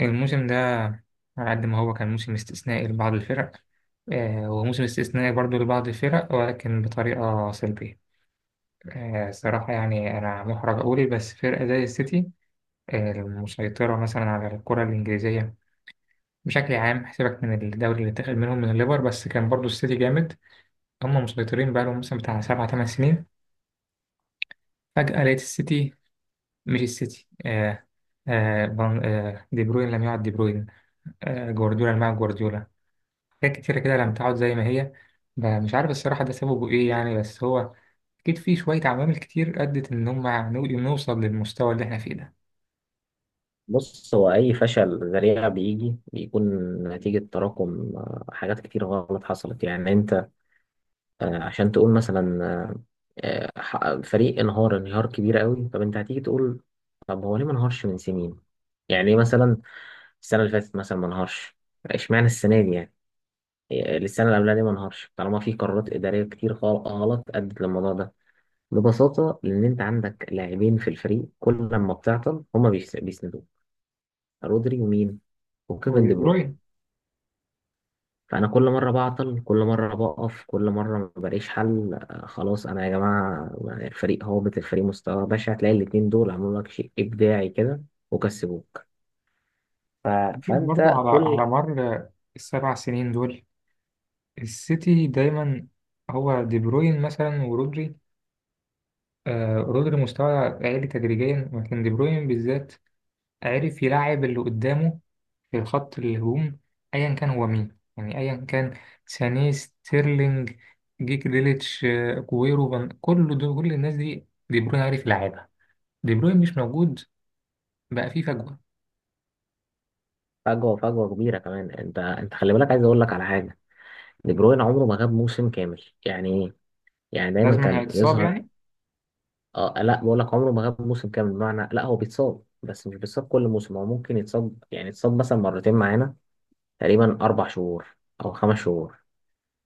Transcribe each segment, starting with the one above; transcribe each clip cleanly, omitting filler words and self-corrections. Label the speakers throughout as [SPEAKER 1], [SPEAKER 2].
[SPEAKER 1] الموسم ده على قد ما هو كان موسم استثنائي لبعض الفرق. آه، وموسم استثنائي برضو لبعض الفرق ولكن بطريقة سلبية. آه، صراحة يعني أنا محرج أقول، بس فرقة زي السيتي، آه، المسيطرة مثلا على الكرة الإنجليزية بشكل عام، حسابك من الدوري اللي اتاخد منهم من الليفر، بس كان برضو السيتي جامد. هم مسيطرين بقالهم مثلا بتاع سبع تمن سنين، فجأة لقيت السيتي، مش السيتي، آه، دي بروين لم يعد دي بروين، آه، جوارديولا لم يعد جوارديولا. حاجات كتيرة كده لما تقعد زي ما هي. مش عارف الصراحة ده سببه إيه يعني، بس هو أكيد في شوية عوامل كتير أدت إن هما نوصل للمستوى اللي إحنا فيه ده.
[SPEAKER 2] بص، هو أي فشل ذريع بيجي بيكون نتيجة تراكم حاجات كتير غلط حصلت. يعني أنت عشان تقول مثلا آه، فريق انهار انهيار كبير قوي، طب أنت هتيجي تقول طب هو ليه ما انهارش من سنين؟ يعني ليه مثلا السنة اللي فاتت مثلا ما انهارش؟ اشمعنى السنة دي يعني؟ السنة اللي قبلها ليه ما انهارش؟ طالما في قرارات إدارية كتير غلط أدت للموضوع ده. ببساطة لأن أنت عندك لاعبين في الفريق كل لما بتعطل هما بيسندوك. رودري ومين؟ وكيفن دي بروين.
[SPEAKER 1] وبروين
[SPEAKER 2] فأنا كل مرة بعطل، كل مرة بقف، كل مرة ما بلاقيش حل، خلاص أنا يا جماعة الفريق هابط، الفريق مستوى بشع، هتلاقي الاتنين دول عملوا لك شيء إبداعي كده وكسبوك. ف...
[SPEAKER 1] أكيد
[SPEAKER 2] فأنت
[SPEAKER 1] برضو على
[SPEAKER 2] كل
[SPEAKER 1] مر السبع سنين دول السيتي دايما. هو دي بروين مثلا ورودري، آه رودري مستوى عالي تدريجيا، لكن دي بروين بالذات عرف يلعب اللي قدامه في خط الهجوم، أيا كان هو مين، يعني أيا كان سانيه، ستيرلينج، جيك ديليتش، آه، كويرو، فان، كل دول، كل الناس دي دي بروين عارف يلعبها. دي بروين مش موجود، بقى فيه فجوة.
[SPEAKER 2] فجوة كبيرة كمان. أنت خلي بالك، عايز أقول لك على حاجة. دي بروين عمره ما غاب موسم كامل. يعني إيه؟ يعني دايما
[SPEAKER 1] لازما
[SPEAKER 2] كان
[SPEAKER 1] هيتصاب
[SPEAKER 2] يظهر.
[SPEAKER 1] يعني.
[SPEAKER 2] اه، لا، بقول لك عمره ما غاب موسم كامل، بمعنى لا هو بيتصاب بس مش بيتصاب كل موسم، هو ممكن يتصاب يعني يتصاب مثلا مرتين معانا تقريبا أربع شهور أو خمس شهور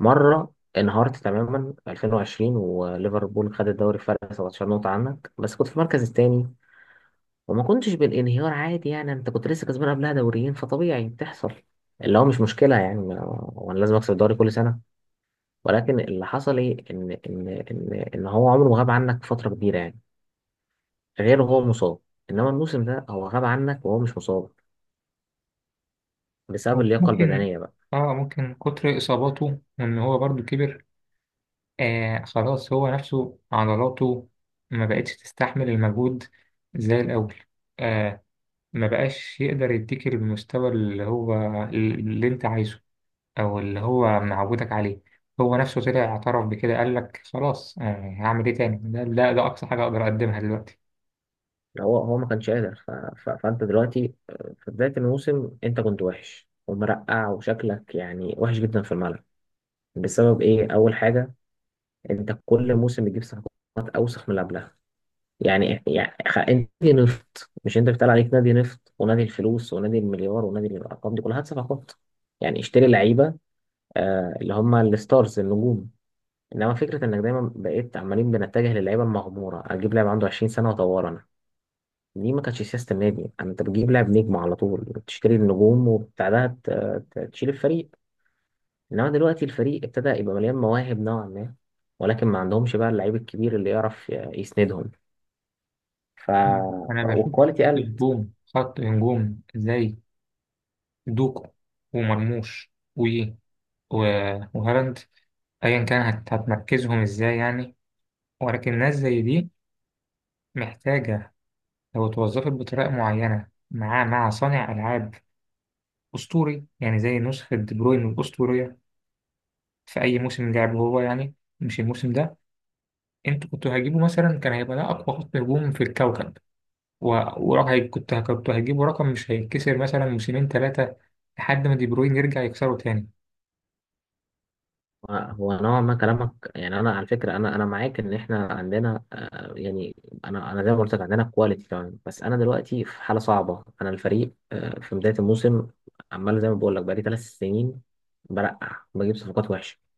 [SPEAKER 2] مرة. انهارت تماما في 2020 وليفربول خد الدوري فرق 17 نقطة عنك بس كنت في المركز الثاني، وما كنتش بالانهيار عادي، يعني انت كنت لسه كسبان قبلها دوريين فطبيعي بتحصل، اللي هو مش مشكلة يعني وانا لازم اكسب الدوري كل سنة. ولكن اللي حصل ايه، ان هو عمره ما غاب عنك فترة كبيرة يعني غير هو مصاب، انما الموسم ده هو غاب عنك وهو مش مصاب، بسبب
[SPEAKER 1] هو
[SPEAKER 2] اللياقة
[SPEAKER 1] ممكن،
[SPEAKER 2] البدنية.
[SPEAKER 1] اه ممكن كتر إصاباته وإن هو برضو كبر. آه خلاص هو نفسه عضلاته ما بقتش تستحمل المجهود زي الأول. آه، ما بقاش يقدر يديك المستوى اللي هو، اللي انت عايزه، او اللي هو معودك عليه. هو نفسه طلع اعترف بكده، قال لك خلاص يعني هعمل ايه تاني، ده ده اقصى حاجه اقدر اقدمها دلوقتي.
[SPEAKER 2] يعني هو ما كانش قادر. فانت دلوقتي، في بدايه الموسم انت كنت وحش ومرقع وشكلك يعني وحش جدا في الملعب. بسبب ايه؟ اول حاجه، انت كل موسم بتجيب صفقات اوسخ من اللي قبلها. يعني انت نادي نفط، مش انت بيتقال عليك نادي نفط ونادي الفلوس ونادي المليار ونادي الارقام، دي كلها هات صفقات يعني. اشتري لعيبه، آه اللي هم الستارز النجوم. انما فكره انك دايما بقيت عمالين بنتجه للعيبه المغموره، اجيب لاعب عنده 20 سنه واطوره، دي ما كانتش سياسة النادي. انت بتجيب لاعب نجم على طول، بتشتري النجوم وبتاعها تشيل الفريق. انما دلوقتي الفريق ابتدى يبقى مليان مواهب نوعا ما، ولكن ما عندهمش بقى اللعيب الكبير اللي يعرف يسندهم. ف...
[SPEAKER 1] انا بشوف
[SPEAKER 2] والكواليتي قلت.
[SPEAKER 1] نجوم، خط نجوم زي دوكو ومرموش وهالاند، ايا كان هتمركزهم ازاي يعني. ولكن ناس زي دي محتاجه، لو اتوظفت بطريقه معينه مع صانع العاب اسطوري، يعني زي نسخه دي بروين الاسطوريه في اي موسم لعبه هو، يعني مش الموسم ده. انتوا كنتوا هتجيبوا مثلا، كان هيبقى ده اقوى خط هجوم في الكوكب. و... ورقم كنت كنتوا هتجيبوا رقم مش هيتكسر مثلا موسمين ثلاثه، لحد ما دي بروين يرجع يكسره تاني.
[SPEAKER 2] هو نوعا ما كلامك، يعني انا على فكرة، انا معاك ان احنا عندنا، يعني انا زي ما قلت لك عندنا كواليتي تمام، بس انا دلوقتي في حالة صعبة. انا الفريق في بداية الموسم عمال زي ما بقول لك بقالي ثلاث سنين برقع، بجيب صفقات وحشة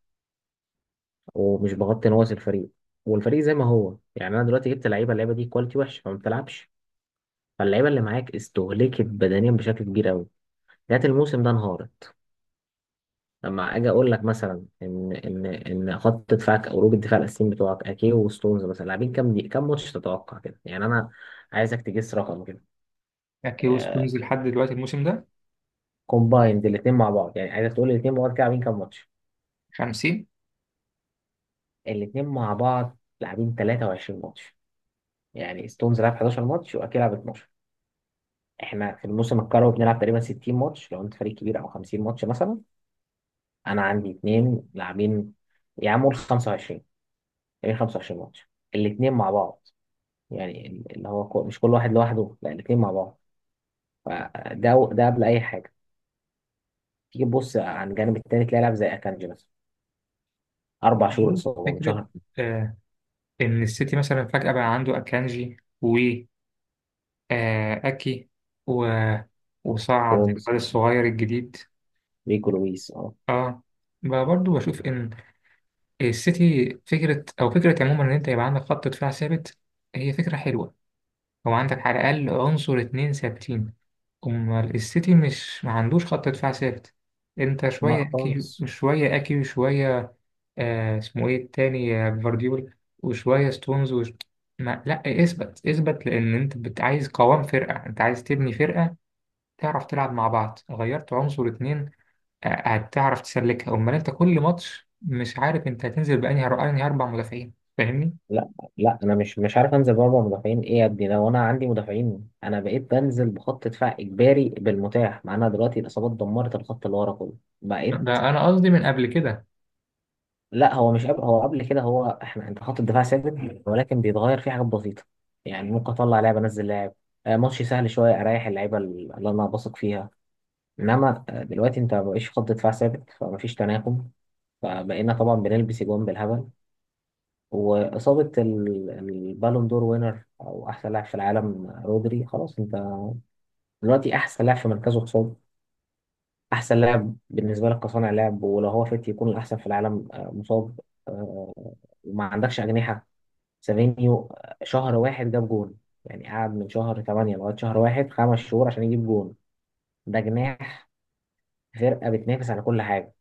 [SPEAKER 2] ومش بغطي نواقص الفريق، والفريق زي ما هو. يعني انا دلوقتي جبت لعيبه، اللعيبه دي كواليتي وحش فما بتلعبش، فاللعيبه اللي معاك استهلكت بدنيا بشكل كبير قوي، جات الموسم ده انهارت. لما اجي اقول لك مثلا ان خط دفاعك او روج الدفاع الاساسيين بتوعك اكي وستونز مثلا، لاعبين كام، دي كام ماتش تتوقع كده يعني؟ انا عايزك تجس رقم كده.
[SPEAKER 1] اكيو
[SPEAKER 2] آه
[SPEAKER 1] ستونز لحد دلوقتي الموسم ده
[SPEAKER 2] كومبايند الاثنين مع بعض، يعني عايزك تقول لي الاثنين مع بعض كده لاعبين كام ماتش.
[SPEAKER 1] 50.
[SPEAKER 2] الاثنين مع بعض لاعبين 23 ماتش، يعني ستونز لعب 11 ماتش واكي لعب 12. احنا في الموسم الكروي بنلعب تقريبا 60 ماتش لو انت فريق كبير، او 50 ماتش مثلا. انا عندي اتنين لاعبين، يا عم قول 25، تقريبا 25 ماتش الاتنين مع بعض، يعني مش كل واحد لوحده، لا، الاتنين مع بعض. فده قبل اي حاجه. تيجي تبص عن الجانب التاني تلاقي لاعب زي اكانجي مثلا، اربع شهور اصابه، من
[SPEAKER 1] فكره
[SPEAKER 2] شهر.
[SPEAKER 1] آه ان السيتي مثلا فجاه بقى عنده اكانجي و، آه اكي، و... وصعد
[SPEAKER 2] جونز،
[SPEAKER 1] الواد الصغير الجديد.
[SPEAKER 2] ريكو لويس. اه.
[SPEAKER 1] اه، بقى برضو بشوف ان السيتي فكره، او فكره عموما، ان انت يبقى عندك خط دفاع ثابت، هي فكره حلوه. هو عندك على الأقل عنصر اتنين ثابتين. أمال السيتي مش ما عندوش خط دفاع ثابت؟ أنت
[SPEAKER 2] لا
[SPEAKER 1] شوية أكي،
[SPEAKER 2] خالص.
[SPEAKER 1] شوية أكي، وشوية آه اسمه إيه التاني، آه، جفارديول، وشوية ستونز ما لأ، اثبت اثبت، لأن أنت عايز قوام فرقة، أنت عايز تبني فرقة، تعرف تلعب مع بعض. غيرت عنصر اتنين، آه، هتعرف تسلكها. أمال أنت كل ماتش مش عارف أنت هتنزل أنهي أربع مدافعين، فاهمني؟
[SPEAKER 2] لا لا انا مش عارف انزل باربع مدافعين، ايه يا ابني؟ لو انا عندي مدافعين. انا بقيت بنزل بخط دفاع اجباري بالمتاح معانا دلوقتي، الاصابات دمرت الخط اللي ورا كله، بقيت...
[SPEAKER 1] ده أنا قصدي من قبل كده.
[SPEAKER 2] لا هو مش قبل، هو قبل كده، هو احنا انت خط الدفاع ثابت ولكن بيتغير فيه حاجات بسيطه. يعني ممكن اطلع لاعب انزل لاعب، ماتش سهل شويه اريح اللعيبه اللي انا بثق فيها. انما دلوقتي انت مبقاش خط دفاع ثابت فمفيش تناغم، فبقينا طبعا بنلبس اجوان بالهبل. وإصابة البالون دور وينر أو أحسن لاعب في العالم رودري، خلاص أنت دلوقتي أحسن لاعب في مركزه مصاب، أحسن لاعب بالنسبة لك كصانع لعب ولو هو فت يكون الأحسن في العالم مصاب. آه، وما عندكش أجنحة. سافينيو شهر واحد جاب جون، يعني قعد من شهر 8 لغاية شهر واحد خمس شهور عشان يجيب جون. ده جناح فرقة بتنافس على كل حاجة.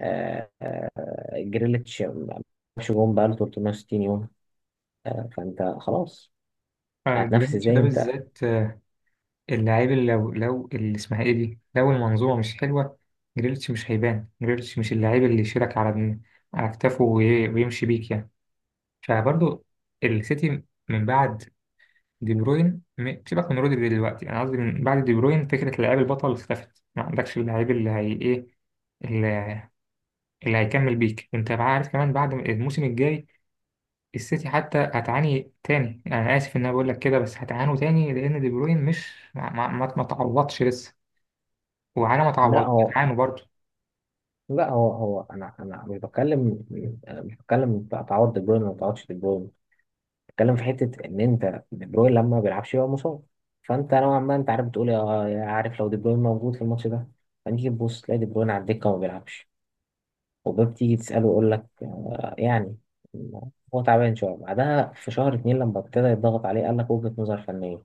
[SPEAKER 2] آه، آه، جريليتش ما جابش جون بقاله 360 يوم. فأنت خلاص
[SPEAKER 1] آه،
[SPEAKER 2] هتنافس
[SPEAKER 1] جريليتش
[SPEAKER 2] ازاي
[SPEAKER 1] ده
[SPEAKER 2] انت؟
[SPEAKER 1] بالذات، اللعيب اللي لو اللي اسمها ايه دي، لو المنظومه مش حلوه جريليتش مش هيبان. جريليتش مش اللعيب اللي يشيلك على على كتافه ويمشي بيك يعني. فبرضه السيتي من بعد دي بروين، سيبك من رودري دلوقتي، انا قصدي من بعد دي بروين فكره اللاعب البطل اختفت. ما عندكش اللعيب اللي هي ايه، اللي، اللي هيكمل بيك انت، بقى عارف كمان بعد الموسم الجاي السيتي حتى هتعاني تاني. انا اسف ان انا بقول لك كده، بس هتعانوا تاني لان دي بروين مش ما تعوضش لسه. وحاجة ما
[SPEAKER 2] لا
[SPEAKER 1] تعوضش
[SPEAKER 2] هو
[SPEAKER 1] عنه برضه.
[SPEAKER 2] لا هو انا مش بتكلم، انا مش بتكلم تعوض دي بروين ولا ما تعوضش دي بروين، بتكلم في حته ان انت دي بروين لما ما بيلعبش يبقى مصاب. فانت نوعا ما انت عارف بتقول يا عارف لو دي بروين موجود في الماتش ده. فنيجي تبص تلاقي دي بروين على الدكه وما بيلعبش، وباب تيجي تساله يقول لك، يعني هو تعبان شويه. بعدها في شهر اتنين لما ابتدى يضغط عليه قال لك وجهه نظر فنيه.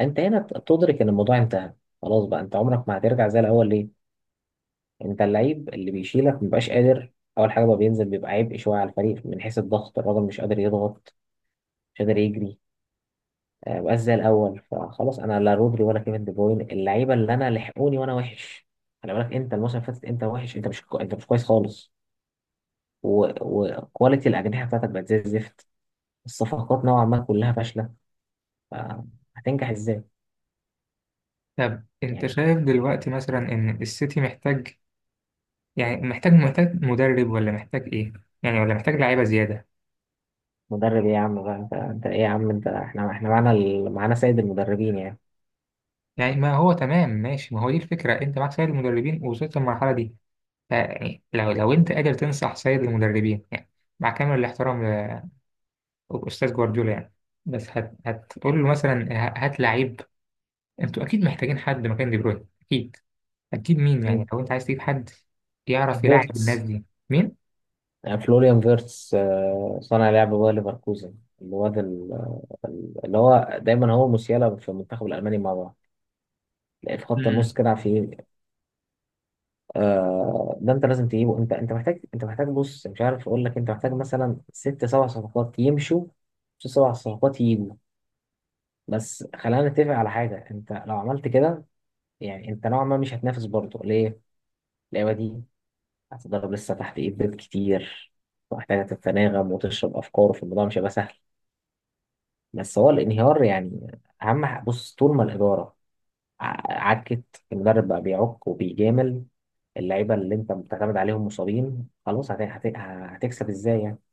[SPEAKER 2] انت هنا بتدرك ان الموضوع انتهى، خلاص بقى انت عمرك ما هترجع زي الاول. ليه؟ انت اللعيب اللي بيشيلك مبيبقاش قادر. اول حاجه بقى بينزل بيبقى عبء شويه على الفريق من حيث الضغط، الراجل مش قادر يضغط، مش قادر يجري، مبقاش زي الاول. فخلاص انا لا رودري ولا كيفن دي بروين، اللعيبه اللي انا لحقوني وانا وحش. خلي بالك انت الموسم اللي فاتت انت وحش، انت مش كو... انت مش كويس خالص. و- وكواليتي الاجنحه بتاعتك بقت زي الزفت، الصفقات نوعا ما كلها فاشله. آه، هتنجح ازاي
[SPEAKER 1] طب أنت
[SPEAKER 2] يعني؟
[SPEAKER 1] شايف دلوقتي مثلا إن السيتي محتاج، يعني محتاج، مدرب، ولا محتاج إيه؟ يعني ولا محتاج لعيبة زيادة؟
[SPEAKER 2] مدرب ايه يا عم بقى، انت ايه يا عم انت، احنا معانا معانا سيد المدربين يعني.
[SPEAKER 1] يعني ما هو تمام، ماشي، ما هو دي الفكرة، أنت معاك سيد المدربين ووصلت للمرحلة دي. فيعني لو أنت قادر تنصح سيد المدربين، يعني مع كامل الاحترام لأستاذ جوارديولا يعني، بس هتقول له مثلا هات لعيب. أنتوا أكيد محتاجين حد مكان دي بروين أكيد. هتجيب مين يعني لو أنت عايز تجيب حد يعرف يلعب الناس
[SPEAKER 2] فيرتس،
[SPEAKER 1] دي، مين؟
[SPEAKER 2] فلوريان فيرتس، صانع لعب باير ليفركوزن، الواد اللي هو دايما هو موسيالا في المنتخب الالماني مع بعض، تلاقيه في خط النص
[SPEAKER 1] مم.
[SPEAKER 2] كده في. آه ده انت لازم تجيبه. انت محتاج، انت محتاج بص مش عارف اقول لك، انت محتاج مثلا ست سبع صفقات يمشوا، ست سبع صفقات يجوا. بس خلينا نتفق على حاجه، انت لو عملت كده يعني انت نوعا ما مش هتنافس برضه. ليه؟ اللعبه دي هتضرب لسه تحت ايد بيت كتير، محتاجه تتناغم وتشرب افكاره في الموضوع، مش هيبقى سهل. بس هو الانهيار يعني اهم بص، طول ما الاداره عكت، المدرب بقى بيعك وبيجامل، اللعيبه اللي انت بتعتمد عليهم مصابين، خلاص هتكسب ازاي يعني؟